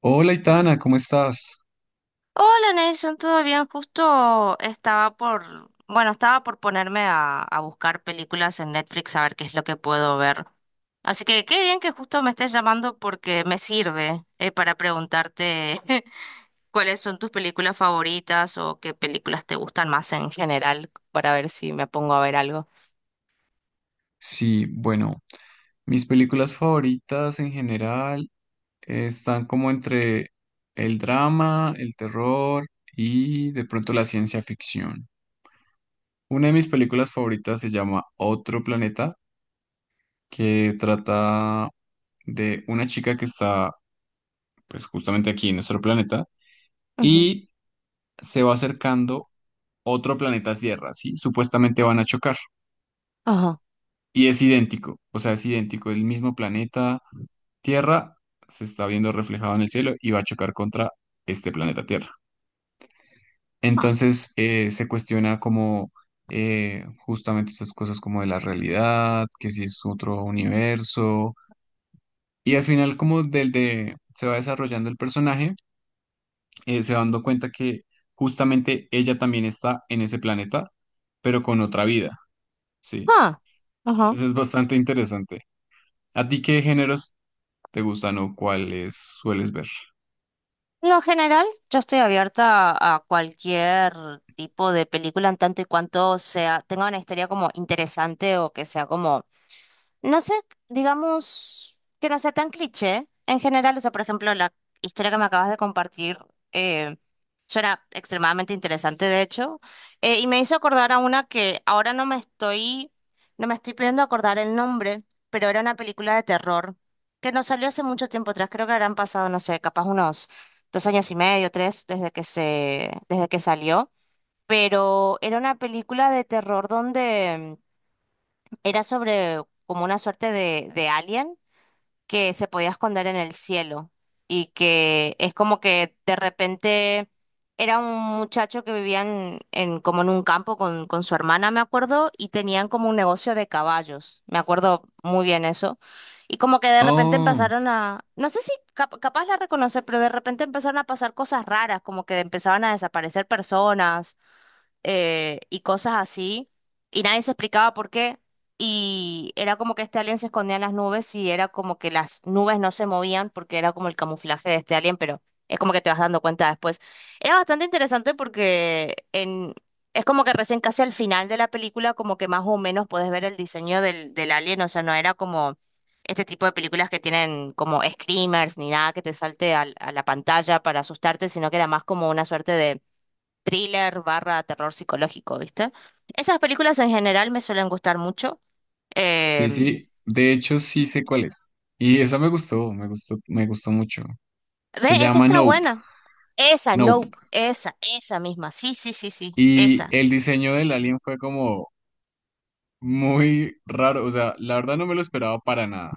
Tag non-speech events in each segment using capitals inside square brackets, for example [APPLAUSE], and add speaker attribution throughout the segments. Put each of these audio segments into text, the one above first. Speaker 1: Hola, Itana, ¿cómo estás?
Speaker 2: Hola Nelson, ¿todo bien? Justo bueno, estaba por ponerme a buscar películas en Netflix a ver qué es lo que puedo ver. Así que qué bien que justo me estés llamando porque me sirve para preguntarte [LAUGHS] cuáles son tus películas favoritas o qué películas te gustan más en general para ver si me pongo a ver algo.
Speaker 1: Sí, bueno, mis películas favoritas en general están como entre el drama, el terror y de pronto la ciencia ficción. Una de mis películas favoritas se llama Otro Planeta, que trata de una chica que está pues justamente aquí en nuestro planeta
Speaker 2: Ujú.
Speaker 1: y se va acercando otro planeta Tierra, ¿sí? Supuestamente van a chocar
Speaker 2: Ajá.
Speaker 1: y es idéntico, o sea, es idéntico, es el mismo planeta Tierra se está viendo reflejado en el cielo y va a chocar contra este planeta Tierra.
Speaker 2: Ah.
Speaker 1: Entonces se cuestiona como justamente esas cosas como de la realidad, que si es otro universo. Y al final como del de se va desarrollando el personaje, se va dando cuenta que justamente ella también está en ese planeta, pero con otra vida, ¿sí?
Speaker 2: Ah. Ajá.
Speaker 1: Entonces es bastante interesante. ¿A ti qué géneros te gustan o cuáles sueles ver?
Speaker 2: En lo general, yo estoy abierta a cualquier tipo de película en tanto y cuanto sea, tenga una historia como interesante o que sea como no sé, digamos que no sea tan cliché. En general, o sea, por ejemplo, la historia que me acabas de compartir eh, suena extremadamente interesante, de hecho. Y me hizo acordar a una que ahora no me estoy pudiendo acordar el nombre, pero era una película de terror que nos salió hace mucho tiempo atrás. Creo que habrán pasado, no sé, capaz unos dos años y medio, tres, desde que salió. Pero era una película de terror donde era sobre como una suerte de alien que se podía esconder en el cielo y que es como que de repente era un muchacho que vivía como en un campo con su hermana, me acuerdo, y tenían como un negocio de caballos, me acuerdo muy bien eso. Y como que de repente
Speaker 1: Oh.
Speaker 2: empezaron a, no sé si capaz la reconocer, pero de repente empezaron a pasar cosas raras, como que empezaban a desaparecer personas, y cosas así, y nadie se explicaba por qué, y era como que este alien se escondía en las nubes y era como que las nubes no se movían porque era como el camuflaje de este alien, pero es como que te vas dando cuenta después. Era bastante interesante porque es como que recién casi al final de la película como que más o menos puedes ver el diseño del, alien. O sea, no era como este tipo de películas que tienen como screamers ni nada que te salte a la pantalla para asustarte, sino que era más como una suerte de thriller barra terror psicológico, ¿viste? Esas películas en general me suelen gustar mucho.
Speaker 1: Sí,
Speaker 2: Em,
Speaker 1: sí, de hecho sí sé cuál es. Y esa me gustó, me gustó, me gustó mucho.
Speaker 2: Ve,
Speaker 1: Se
Speaker 2: es que
Speaker 1: llama
Speaker 2: está
Speaker 1: Nope,
Speaker 2: buena. Esa,
Speaker 1: Nope.
Speaker 2: Nope, esa misma. Sí, sí, sí, sí,
Speaker 1: Y
Speaker 2: esa.
Speaker 1: el diseño del alien fue como muy raro, o sea, la verdad no me lo esperaba para nada.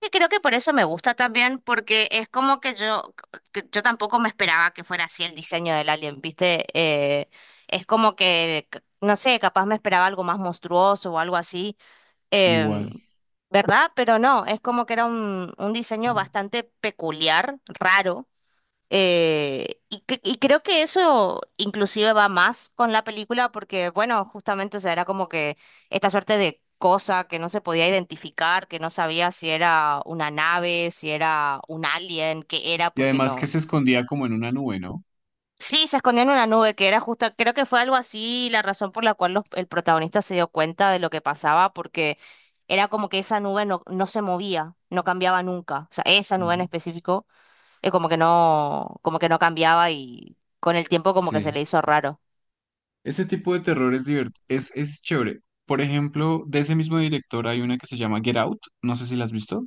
Speaker 2: Y creo que por eso me gusta también, porque es como que que yo tampoco me esperaba que fuera así el diseño del alien, ¿viste? Es como que, no sé, capaz me esperaba algo más monstruoso o algo así. Em,
Speaker 1: Igual.
Speaker 2: ¿Verdad? Pero no, es como que era un diseño
Speaker 1: Mm.
Speaker 2: bastante peculiar, raro. Y creo que eso inclusive va más con la película porque, bueno, justamente, o sea, era como que esta suerte de cosa que no se podía identificar, que no sabía si era una nave, si era un alien, qué era,
Speaker 1: Y
Speaker 2: porque
Speaker 1: además que
Speaker 2: no.
Speaker 1: se escondía como en una nube, ¿no?
Speaker 2: Sí, se escondía en una nube, que era creo que fue algo así la razón por la cual el protagonista se dio cuenta de lo que pasaba, porque era como que esa nube no se movía, no cambiaba nunca, o sea, esa nube en
Speaker 1: Ujú.
Speaker 2: específico, como que no cambiaba y con el tiempo como que se
Speaker 1: Sí.
Speaker 2: le hizo raro.
Speaker 1: Ese tipo de terror es es chévere. Por ejemplo, de ese mismo director hay una que se llama Get Out, no sé si la has visto.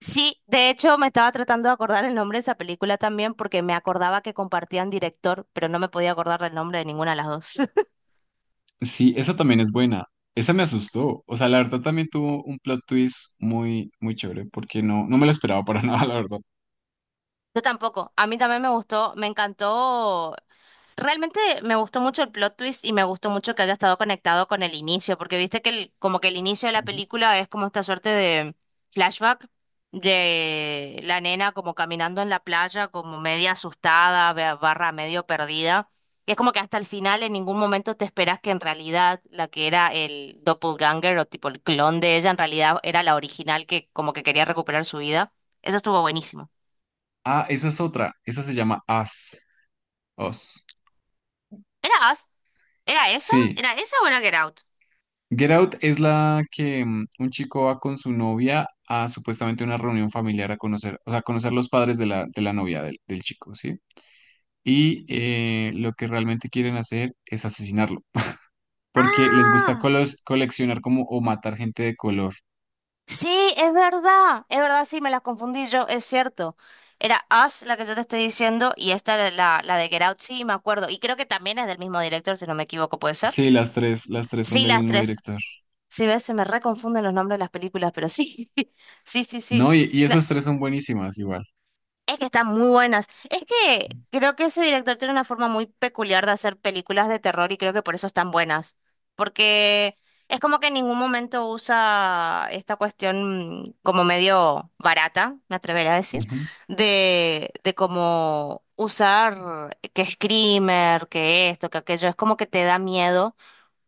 Speaker 2: Sí, de hecho me estaba tratando de acordar el nombre de esa película también porque me acordaba que compartían director, pero no me podía acordar del nombre de ninguna de las dos. [LAUGHS]
Speaker 1: Sí, esa también es buena. Esa me asustó. O sea, la verdad también tuvo un plot twist muy, muy chévere, porque no, no me lo esperaba para [LAUGHS] nada, la verdad.
Speaker 2: Yo tampoco. A mí también me gustó, me encantó. Realmente me gustó mucho el plot twist y me gustó mucho que haya estado conectado con el inicio, porque viste que como que el inicio de la
Speaker 1: Ujú.
Speaker 2: película es como esta suerte de flashback de la nena como caminando en la playa, como media asustada, barra medio perdida. Y es como que hasta el final en ningún momento te esperas que en realidad la que era el doppelganger o tipo el clon de ella en realidad era la original que como que quería recuperar su vida. Eso estuvo buenísimo.
Speaker 1: Ah, esa es otra. Esa se llama Us. Us.
Speaker 2: ¿Era Us?
Speaker 1: Sí.
Speaker 2: ¿Era esa o era Get Out?
Speaker 1: Get Out es la que mm, un chico va con su novia a supuestamente una reunión familiar a conocer, o sea, a conocer los padres de la novia del chico, ¿sí? Y lo que realmente quieren hacer es asesinarlo, porque les gusta
Speaker 2: ¡Ah!
Speaker 1: coleccionar como o matar gente de color.
Speaker 2: Sí, es verdad, sí, me las confundí yo, es cierto. Era Us la que yo te estoy diciendo y esta era la, de Get Out, sí, me acuerdo. Y creo que también es del mismo director, si no me equivoco, ¿puede ser?
Speaker 1: Sí, las tres son
Speaker 2: Sí,
Speaker 1: del
Speaker 2: las
Speaker 1: mismo
Speaker 2: tres.
Speaker 1: director.
Speaker 2: Sí, ves, se me reconfunden los nombres de las películas, pero sí, [LAUGHS] sí, sí,
Speaker 1: No,
Speaker 2: sí.
Speaker 1: y
Speaker 2: No,
Speaker 1: esas tres son buenísimas igual.
Speaker 2: es que están muy buenas. Es que creo que ese director tiene una forma muy peculiar de hacer películas de terror y creo que por eso están buenas. Porque es como que en ningún momento usa esta cuestión como medio barata, me atrevería a decir,
Speaker 1: Ujú.
Speaker 2: de como usar que screamer, que esto, que aquello. Es como que te da miedo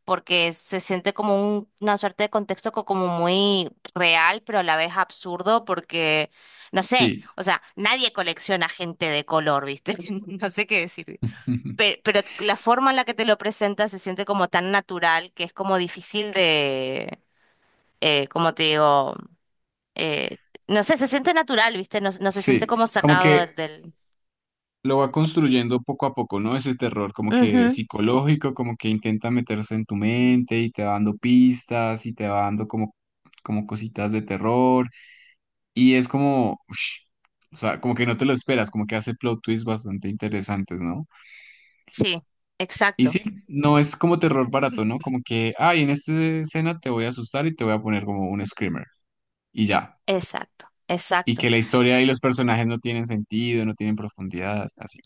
Speaker 2: porque se siente como una suerte de contexto como muy real, pero a la vez absurdo, porque, no sé,
Speaker 1: Sí,
Speaker 2: o sea, nadie colecciona gente de color, ¿viste? [LAUGHS] No sé qué decir.
Speaker 1: [LAUGHS]
Speaker 2: Pero la forma en la que te lo presenta se siente como tan natural que es como difícil de, como te digo, eh, no sé, se siente natural, ¿viste? No, no se siente
Speaker 1: sí,
Speaker 2: como
Speaker 1: como
Speaker 2: sacado del,
Speaker 1: que
Speaker 2: del-.
Speaker 1: lo va construyendo poco a poco, ¿no? Ese terror como que
Speaker 2: Ujú.
Speaker 1: psicológico, como que intenta meterse en tu mente y te va dando pistas y te va dando como, como cositas de terror y es como, ush, o sea, como que no te lo esperas, como que hace plot twists bastante interesantes, ¿no?
Speaker 2: Sí,
Speaker 1: Y sí,
Speaker 2: exacto,
Speaker 1: no es como terror barato, ¿no? Como que, ay, en esta escena te voy a asustar y te voy a poner como un screamer. Y ya.
Speaker 2: exacto,
Speaker 1: Y
Speaker 2: exacto.
Speaker 1: que la historia y los personajes no tienen sentido, no tienen profundidad, así.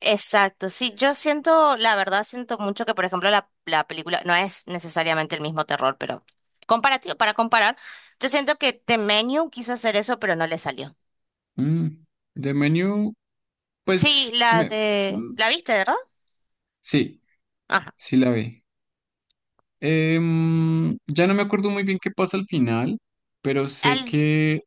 Speaker 2: Exacto, sí, yo siento, la verdad siento mucho que, por ejemplo, la, película no es necesariamente el mismo terror, pero para comparar, yo siento que The Menu quiso hacer eso, pero no le salió.
Speaker 1: Mm, The Menu,
Speaker 2: Sí,
Speaker 1: pues, me, mm,
Speaker 2: ¿la viste, verdad?
Speaker 1: sí,
Speaker 2: Ajá.
Speaker 1: sí la vi. Ya no me acuerdo muy bien qué pasa al final, pero sé
Speaker 2: Al,
Speaker 1: que,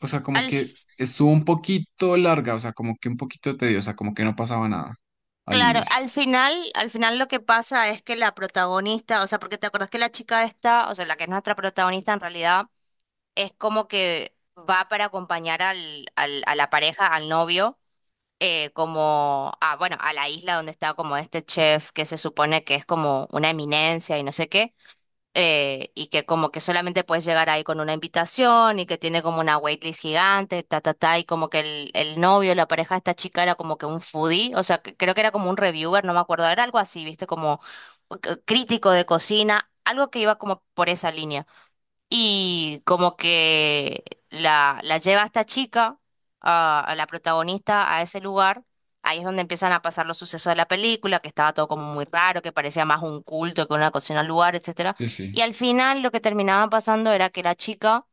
Speaker 1: o sea,
Speaker 2: al,
Speaker 1: como que
Speaker 2: f-
Speaker 1: estuvo un poquito larga, o sea, como que un poquito tediosa, como que no pasaba nada al
Speaker 2: claro,
Speaker 1: inicio.
Speaker 2: al final, lo que pasa es que la protagonista, o sea, porque te acuerdas que la chica esta, o sea, la que es nuestra protagonista en realidad, es como que va para acompañar a la pareja, al novio, como bueno, a la isla donde está como este chef que se supone que es como una eminencia y no sé qué, y que como que solamente puedes llegar ahí con una invitación y que tiene como una waitlist gigante, ta, ta, ta, y como que el, novio, la pareja de esta chica era como que un foodie, o sea, creo que era como un reviewer, no me acuerdo, era algo así, viste, como crítico de cocina, algo que iba como por esa línea. Y como que la lleva a esta chica, a la protagonista, a ese lugar. Ahí es donde empiezan a pasar los sucesos de la película, que estaba todo como muy raro, que parecía más un culto que una cocina al lugar, etcétera.
Speaker 1: Sí,
Speaker 2: Y
Speaker 1: sí.
Speaker 2: al final lo que terminaba pasando era que la chica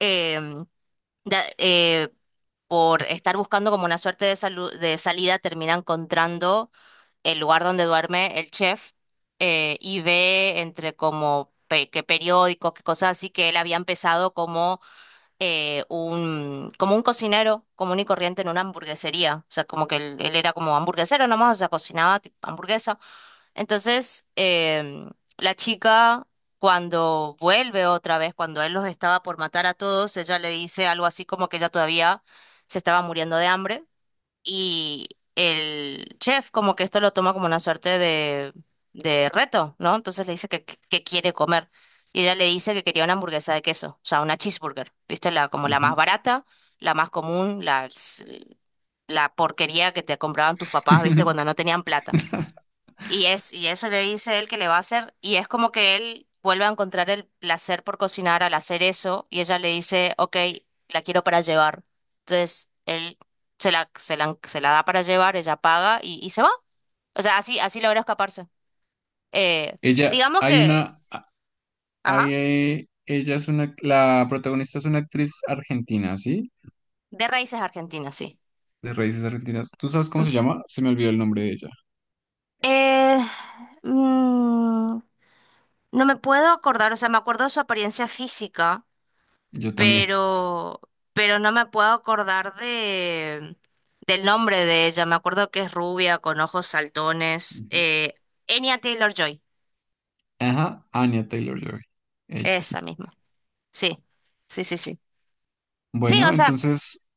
Speaker 2: eh, da- eh, por estar buscando como una suerte de, de salida, termina encontrando el lugar donde duerme el chef, y ve entre como que periódicos, que cosas así, que él había empezado como, como un cocinero común y corriente en una hamburguesería. O sea, como que él era como hamburguesero nomás, o sea, cocinaba tipo, hamburguesas entonces, la chica, cuando vuelve otra vez, cuando él los estaba por matar a todos, ella le dice algo así como que ella todavía se estaba muriendo de hambre. Y el chef como que esto lo toma como una suerte de, reto, ¿no? Entonces le dice que quiere comer. Y ella le dice que quería una hamburguesa de queso, o sea, una cheeseburger, ¿viste? Como la
Speaker 1: Ujú.
Speaker 2: más barata, la más común, la porquería que te compraban tus papás, ¿viste? Cuando
Speaker 1: [LAUGHS]
Speaker 2: no tenían plata. Y eso le dice él que le va a hacer, y es como que él vuelve a encontrar el placer por cocinar al hacer eso, y ella le dice, ok, la quiero para llevar. Entonces, él se la da para llevar, ella paga y se va. O sea, así, así logra escaparse. Eh,
Speaker 1: Ella,
Speaker 2: digamos
Speaker 1: hay
Speaker 2: que,
Speaker 1: una, hay,
Speaker 2: ajá,
Speaker 1: ella es una, la protagonista es una actriz argentina, ¿sí?
Speaker 2: de raíces argentinas, sí.
Speaker 1: De raíces argentinas. ¿Tú sabes cómo se llama? Se me olvidó el nombre de ella.
Speaker 2: Eh, mm, no me puedo acordar, o sea, me acuerdo de su apariencia física.
Speaker 1: Yo también.
Speaker 2: pero, pero no me puedo acordar del nombre de ella. Me acuerdo que es rubia, con ojos saltones.
Speaker 1: Ujú.
Speaker 2: Anya Taylor-Joy,
Speaker 1: Ajá, Anya Taylor-Joy. Ella.
Speaker 2: esa misma. Sí, sí, sí, sí. Sí,
Speaker 1: Bueno,
Speaker 2: o sea,
Speaker 1: entonces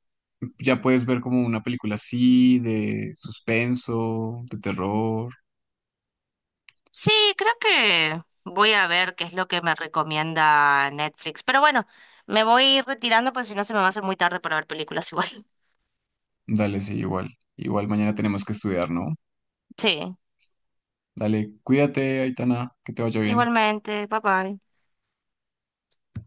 Speaker 1: ya puedes ver como una película así, de suspenso, de terror.
Speaker 2: sí, creo que voy a ver qué es lo que me recomienda Netflix. Pero bueno, me voy retirando, pues si no se me va a hacer muy tarde para ver películas igual. [LAUGHS]
Speaker 1: Dale, sí, igual. Igual mañana tenemos que estudiar, ¿no?
Speaker 2: Sí,
Speaker 1: Dale, cuídate, Aitana, que te vaya bien.
Speaker 2: igualmente, bye bye.